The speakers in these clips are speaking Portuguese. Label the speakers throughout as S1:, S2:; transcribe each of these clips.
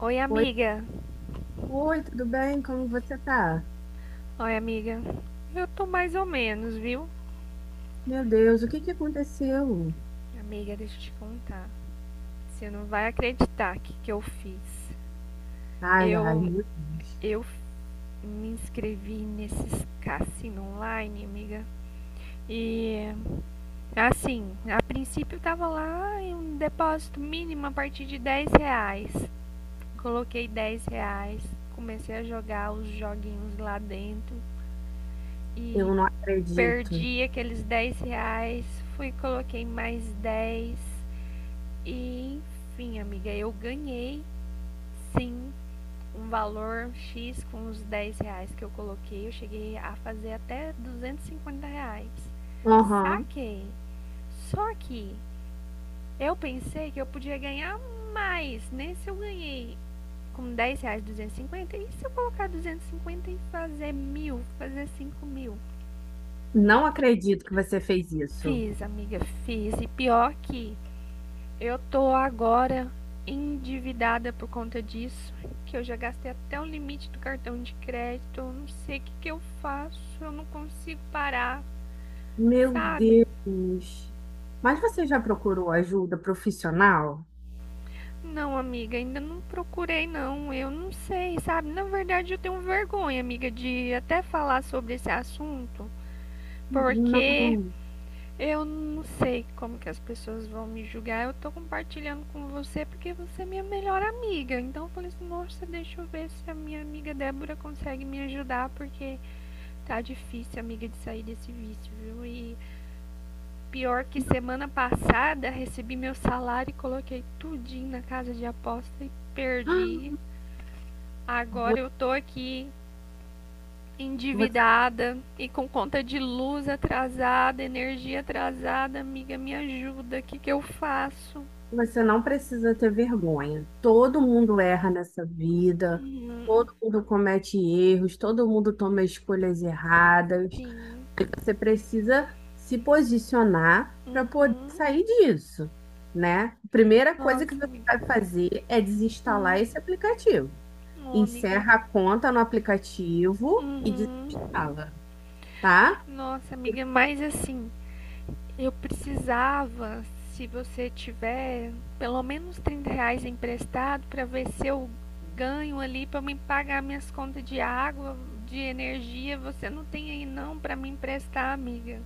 S1: Oi,
S2: Oi,
S1: amiga.
S2: oi, tudo bem? Como você tá?
S1: Oi, amiga. Eu tô mais ou menos, viu?
S2: Meu Deus, o que que aconteceu?
S1: Amiga, deixa eu te contar. Você não vai acreditar o que, que eu fiz.
S2: Ai, ai,
S1: Eu,
S2: meu Deus,
S1: eu me inscrevi nesses cassino online, amiga. E assim, a princípio tava lá em um depósito mínimo a partir de R$ 10. Coloquei R$ 10, comecei a jogar os joguinhos lá dentro e
S2: eu não acredito.
S1: perdi aqueles R$ 10. Fui, e coloquei mais dez. E enfim, amiga, eu ganhei sim um valor X com os R$ 10 que eu coloquei. Eu cheguei a fazer até R$ 250.
S2: Aham.
S1: Saquei. Só que eu pensei que eu podia ganhar mais. Nesse eu ganhei com R$ 10 250, e se eu colocar 250 e fazer mil, fazer 5.000?
S2: Não
S1: E
S2: acredito que você fez isso.
S1: fiz, amiga, fiz. E pior que eu tô agora endividada por conta disso, que eu já gastei até o limite do cartão de crédito. Eu não sei o que, que eu faço, eu não consigo parar,
S2: Meu
S1: sabe?
S2: Deus. Mas você já procurou ajuda profissional?
S1: Não, amiga, ainda não procurei, não. Eu não sei, sabe? Na verdade, eu tenho vergonha, amiga, de até falar sobre esse assunto, porque
S2: Não.
S1: eu não sei como que as pessoas vão me julgar. Eu tô compartilhando com você porque você é minha melhor amiga. Então eu falei assim, nossa, deixa eu ver se a minha amiga Débora consegue me ajudar, porque tá difícil, amiga, de sair desse vício, viu? E pior que semana passada recebi meu salário e coloquei tudinho na casa de aposta e perdi. Agora
S2: Vo-
S1: eu tô aqui
S2: Você,
S1: endividada e com conta de luz atrasada, energia atrasada, amiga, me ajuda, o que, que eu faço?
S2: você não precisa ter vergonha. Todo mundo erra nessa vida, todo mundo comete erros, todo mundo toma escolhas erradas.
S1: Sim.
S2: Você precisa se posicionar para poder
S1: Uhum.
S2: sair disso, né? A primeira coisa
S1: Nossa,
S2: que você
S1: amiga.
S2: vai fazer é desinstalar
S1: Hum.
S2: esse aplicativo.
S1: Oh, amiga.
S2: Encerra a conta no aplicativo e
S1: Uhum.
S2: desinstala, tá?
S1: Nossa, amiga, mas assim, eu precisava, se você tiver, pelo menos R$ 30 emprestado para ver se eu ganho ali para me pagar minhas contas de água, de energia. Você não tem aí não para me emprestar, amiga.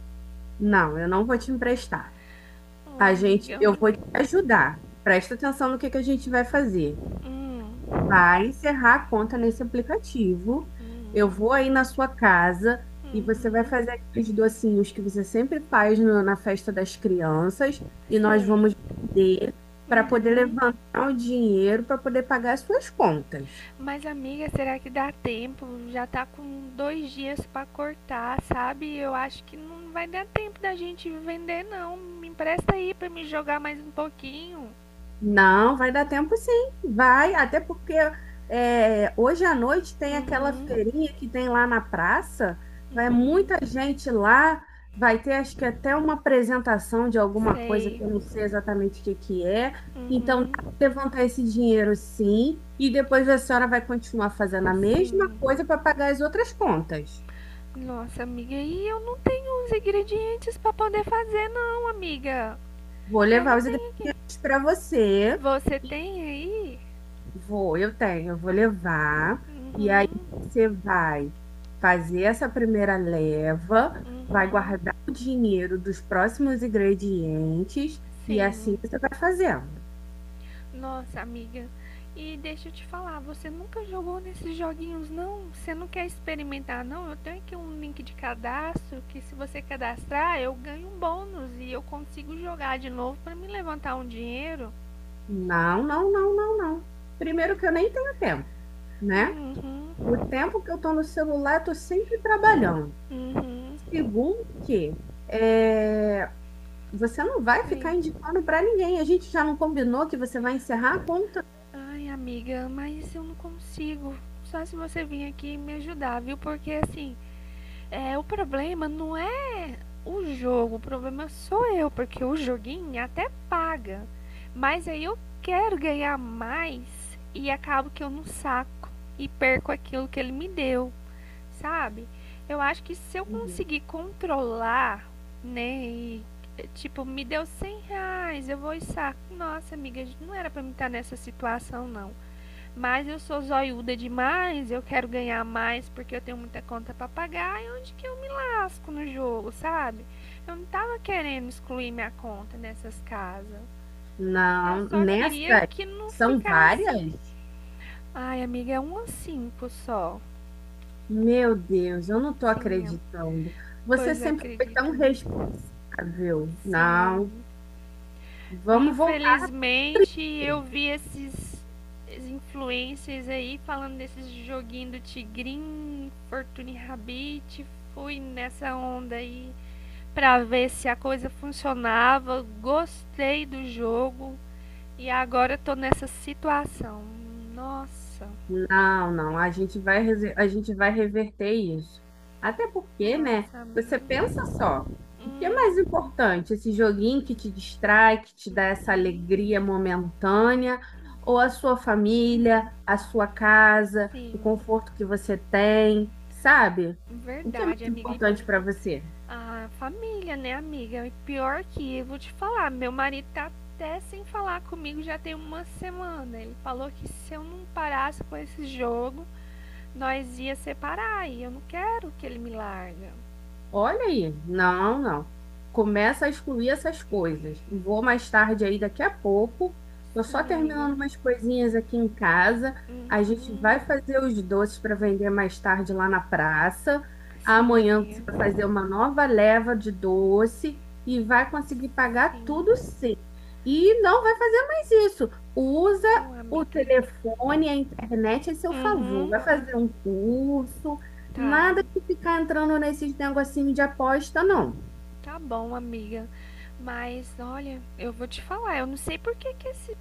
S2: Não, eu não vou te emprestar.
S1: Ô, oh,
S2: A gente,
S1: amigão.
S2: eu vou te ajudar. Presta atenção no que a gente vai fazer.
S1: Hum,
S2: Vai encerrar a conta nesse aplicativo.
S1: uhum,
S2: Eu vou aí na sua casa e você vai
S1: uhum,
S2: fazer aqueles docinhos que você sempre faz na festa das crianças e nós
S1: sei.
S2: vamos vender para poder
S1: Uhum.
S2: levantar o dinheiro para poder pagar as suas contas.
S1: Mas, amiga, será que dá tempo? Já tá com dois dias pra cortar, sabe? Eu acho que não vai dar tempo da gente vender, não. Me empresta aí pra me jogar mais um pouquinho.
S2: Não, vai dar tempo sim, vai, até porque hoje à noite tem aquela
S1: Uhum,
S2: feirinha que tem lá na praça, vai
S1: uhum,
S2: muita gente lá, vai ter acho que até uma apresentação de alguma coisa
S1: sei.
S2: que eu não sei exatamente o que que é, então dá
S1: Uhum,
S2: pra levantar esse dinheiro sim, e depois a senhora vai continuar fazendo a mesma
S1: sim.
S2: coisa para pagar as outras contas.
S1: Nossa, amiga, e eu não tenho os ingredientes pra poder fazer, não, amiga.
S2: Vou
S1: Eu
S2: levar
S1: não
S2: os
S1: tenho aqui.
S2: ingredientes para você.
S1: Você tem aí?
S2: Vou, eu tenho, eu vou levar. E aí
S1: Uhum.
S2: você vai fazer essa primeira leva, vai
S1: Uhum,
S2: guardar o dinheiro dos próximos ingredientes e assim
S1: sim.
S2: você vai fazendo.
S1: Nossa, amiga. E deixa eu te falar, você nunca jogou nesses joguinhos, não? Você não quer experimentar, não? Eu tenho aqui um link de cadastro que se você cadastrar, eu ganho um bônus e eu consigo jogar de novo pra me levantar um dinheiro.
S2: Não, não, não, não, não. Primeiro que eu nem tenho tempo, né?
S1: Uhum,
S2: O tempo que eu tô no celular, eu tô sempre trabalhando.
S1: uhum,
S2: Segundo que é, você não vai ficar
S1: sim.
S2: indicando para ninguém. A gente já não combinou que você vai encerrar a conta.
S1: Ai, amiga, mas eu não consigo. Só se você vir aqui me ajudar, viu? Porque assim, o problema não é o jogo, o problema sou eu, porque o joguinho é até paga. Mas aí eu quero ganhar mais e acabo que eu não saco e perco aquilo que ele me deu, sabe? Eu acho que se eu conseguir controlar, né, e tipo, me deu R$ 100, eu vou e saco. Nossa, amiga, não era pra mim estar nessa situação, não. Mas eu sou zoiuda demais, eu quero ganhar mais porque eu tenho muita conta para pagar e onde que eu me lasco no jogo, sabe? Eu não tava querendo excluir minha conta nessas casas. Eu
S2: Não,
S1: só queria
S2: nessa
S1: que não
S2: são
S1: ficasse.
S2: várias?
S1: Ai, amiga, é 1 a 5 só.
S2: Meu Deus, eu não tô
S1: Sim,
S2: acreditando. Você
S1: pois
S2: sempre foi tão
S1: acredita-me.
S2: responsável.
S1: Sim,
S2: Não,
S1: amiga.
S2: vamos voltar.
S1: Infelizmente, eu vi esses influencers aí falando desses joguinho do Tigrinho, Fortune Rabbit, fui nessa onda aí pra ver se a coisa funcionava. Gostei do jogo e agora eu tô nessa situação. Nossa,
S2: Não, não, a gente vai, a gente vai reverter isso. Até porque, né?
S1: nossa,
S2: Você
S1: amiga.
S2: pensa só, o que é mais
S1: Hum,
S2: importante? Esse joguinho que te distrai, que te dá essa
S1: hum,
S2: alegria momentânea, ou a sua família, a sua casa, o
S1: sim,
S2: conforto que você tem, sabe? O que é
S1: verdade,
S2: mais
S1: amiga. E
S2: importante para você?
S1: ah, família, né, amiga? E pior que, eu vou te falar, meu marido tá até sem falar comigo já tem uma semana. Ele falou que se eu não parasse com esse jogo, nós ia separar. E eu não quero que ele me larga.
S2: Olha aí, não, não. Começa a excluir essas coisas. Vou mais tarde aí, daqui a pouco. Tô só
S1: Sim, amiga.
S2: terminando umas coisinhas aqui em casa. A gente
S1: Uhum.
S2: vai fazer os doces para vender mais tarde lá na praça.
S1: Sim,
S2: Amanhã você vai
S1: amiga.
S2: fazer uma nova leva de doce e vai conseguir pagar tudo
S1: Sim.
S2: sim. E não vai fazer mais isso. Usa
S1: Ô,
S2: o
S1: amiga.
S2: telefone, a internet a seu favor.
S1: Uhum.
S2: Vai fazer um curso.
S1: Tá.
S2: Nada de ficar entrando nesses negocinhos de aposta, não.
S1: Tá bom, amiga. Mas olha, eu vou te falar, eu não sei por que que esse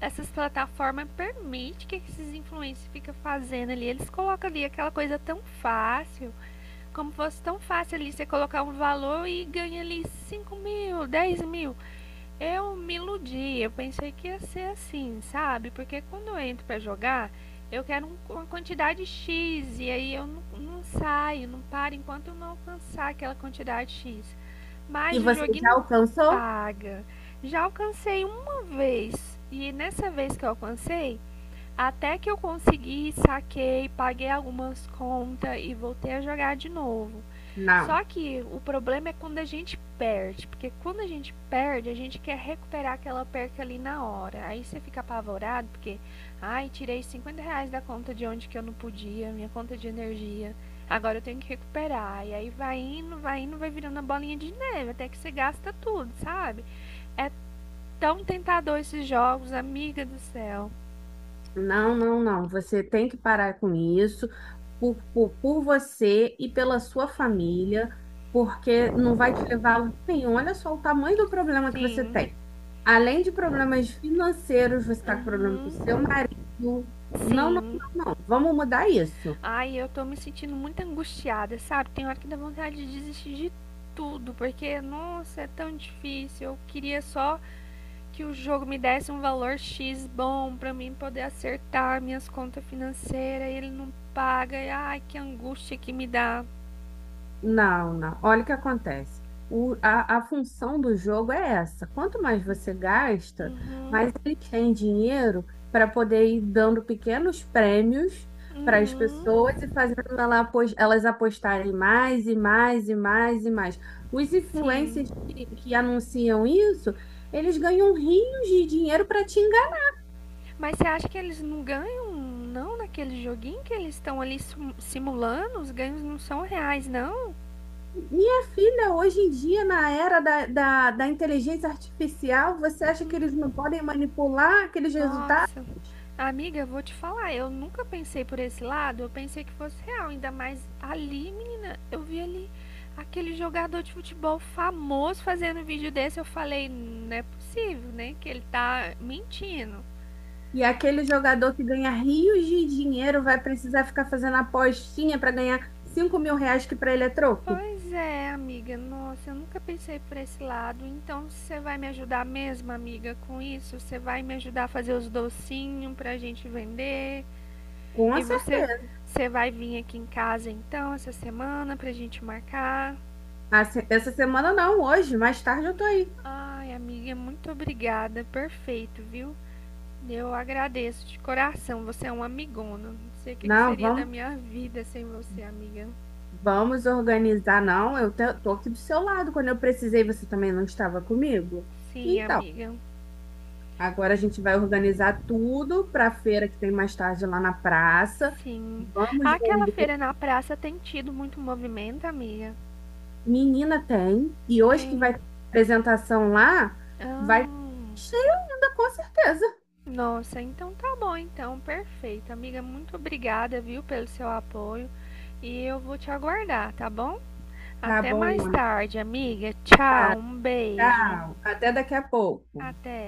S1: essas plataformas permitem que esses influencers fiquem fazendo ali. Eles colocam ali aquela coisa tão fácil, como fosse tão fácil ali você colocar um valor e ganha ali 5.000, 10.000. Eu me iludi, eu pensei que ia ser assim, sabe? Porque quando eu entro para jogar, eu quero uma quantidade X e aí eu não saio, não paro enquanto eu não alcançar aquela quantidade X.
S2: E
S1: Mas o
S2: você
S1: joguinho
S2: já
S1: não
S2: alcançou?
S1: paga. Já alcancei uma vez. E nessa vez que eu alcancei, até que eu consegui, saquei, paguei algumas contas e voltei a jogar de novo.
S2: Não.
S1: Só que o problema é quando a gente perde, porque quando a gente perde, a gente quer recuperar aquela perca ali na hora. Aí você fica apavorado, porque, ai, tirei R$ 50 da conta de onde que eu não podia, minha conta de energia, agora eu tenho que recuperar. E aí vai indo, vai indo, vai virando a bolinha de neve, até que você gasta tudo, sabe? É tão tentador esses jogos, amiga do céu.
S2: Não, não, não. Você tem que parar com isso por você e pela sua família, porque não vai te levar a lugar nenhum. Olha só o tamanho do problema que você
S1: Sim,
S2: tem. Além de problemas financeiros, você está com problema com o seu
S1: uhum,
S2: marido. Não, não, não,
S1: sim,
S2: não. Vamos mudar isso.
S1: ai, eu tô me sentindo muito angustiada, sabe? Tem hora que dá vontade de desistir de tudo, porque, nossa, é tão difícil. Eu queria só que o jogo me desse um valor X bom pra mim poder acertar minhas contas financeiras e ele não paga. E, ai, que angústia que me dá.
S2: Não, não. Olha o que acontece. A função do jogo é essa. Quanto mais você gasta,
S1: Uhum,
S2: mais ele tem dinheiro para poder ir dando pequenos prêmios para as
S1: uhum,
S2: pessoas e fazendo elas apostarem mais e mais e mais e mais. Os
S1: sim.
S2: influencers que anunciam isso, eles ganham rios de dinheiro para te enganar.
S1: Mas você acha que eles não ganham, não, naquele joguinho que eles estão ali simulando? Os ganhos não são reais, não?
S2: Minha filha, hoje em dia, na era da inteligência artificial, você acha que eles não podem manipular aqueles resultados?
S1: Nossa. Amiga, eu vou te falar, eu nunca pensei por esse lado, eu pensei que fosse real, ainda mais ali, menina, eu vi ali aquele jogador de futebol famoso fazendo vídeo desse, eu falei, não é possível, né, que ele tá mentindo.
S2: E aquele jogador que ganha rios de dinheiro vai precisar ficar fazendo apostinha para ganhar R$ 5.000 que para ele é troco?
S1: Pois é, amiga, nossa, eu nunca pensei por esse lado, então você vai me ajudar mesmo, amiga, com isso? Você vai me ajudar a fazer os docinhos pra gente vender?
S2: Com
S1: E você,
S2: certeza.
S1: você vai vir aqui em casa então essa semana pra gente marcar?
S2: Assim, essa semana não, hoje, mais tarde eu tô aí.
S1: Ai, amiga, muito obrigada. Perfeito, viu? Eu agradeço de coração. Você é um amigona. Não sei o que que
S2: Não,
S1: seria da
S2: vamos,
S1: minha vida sem você, amiga.
S2: vamos organizar, não. Tô aqui do seu lado. Quando eu precisei, você também não estava comigo.
S1: Sim,
S2: Então,
S1: amiga.
S2: agora a gente vai organizar tudo para a feira que tem mais tarde lá na praça.
S1: Sim.
S2: Vamos
S1: Aquela
S2: vender.
S1: feira na praça tem tido muito movimento, amiga?
S2: Menina tem. E hoje que vai
S1: Tem.
S2: ter apresentação lá, vai
S1: Ah,
S2: cheio ainda, com certeza.
S1: nossa, então tá bom, então. Perfeito. Amiga, muito obrigada, viu, pelo seu apoio. E eu vou te aguardar, tá bom?
S2: Tá
S1: Até mais
S2: bom, amiga.
S1: tarde, amiga. Tchau,
S2: Tá,
S1: um beijo.
S2: tchau. Até daqui a pouco.
S1: Até.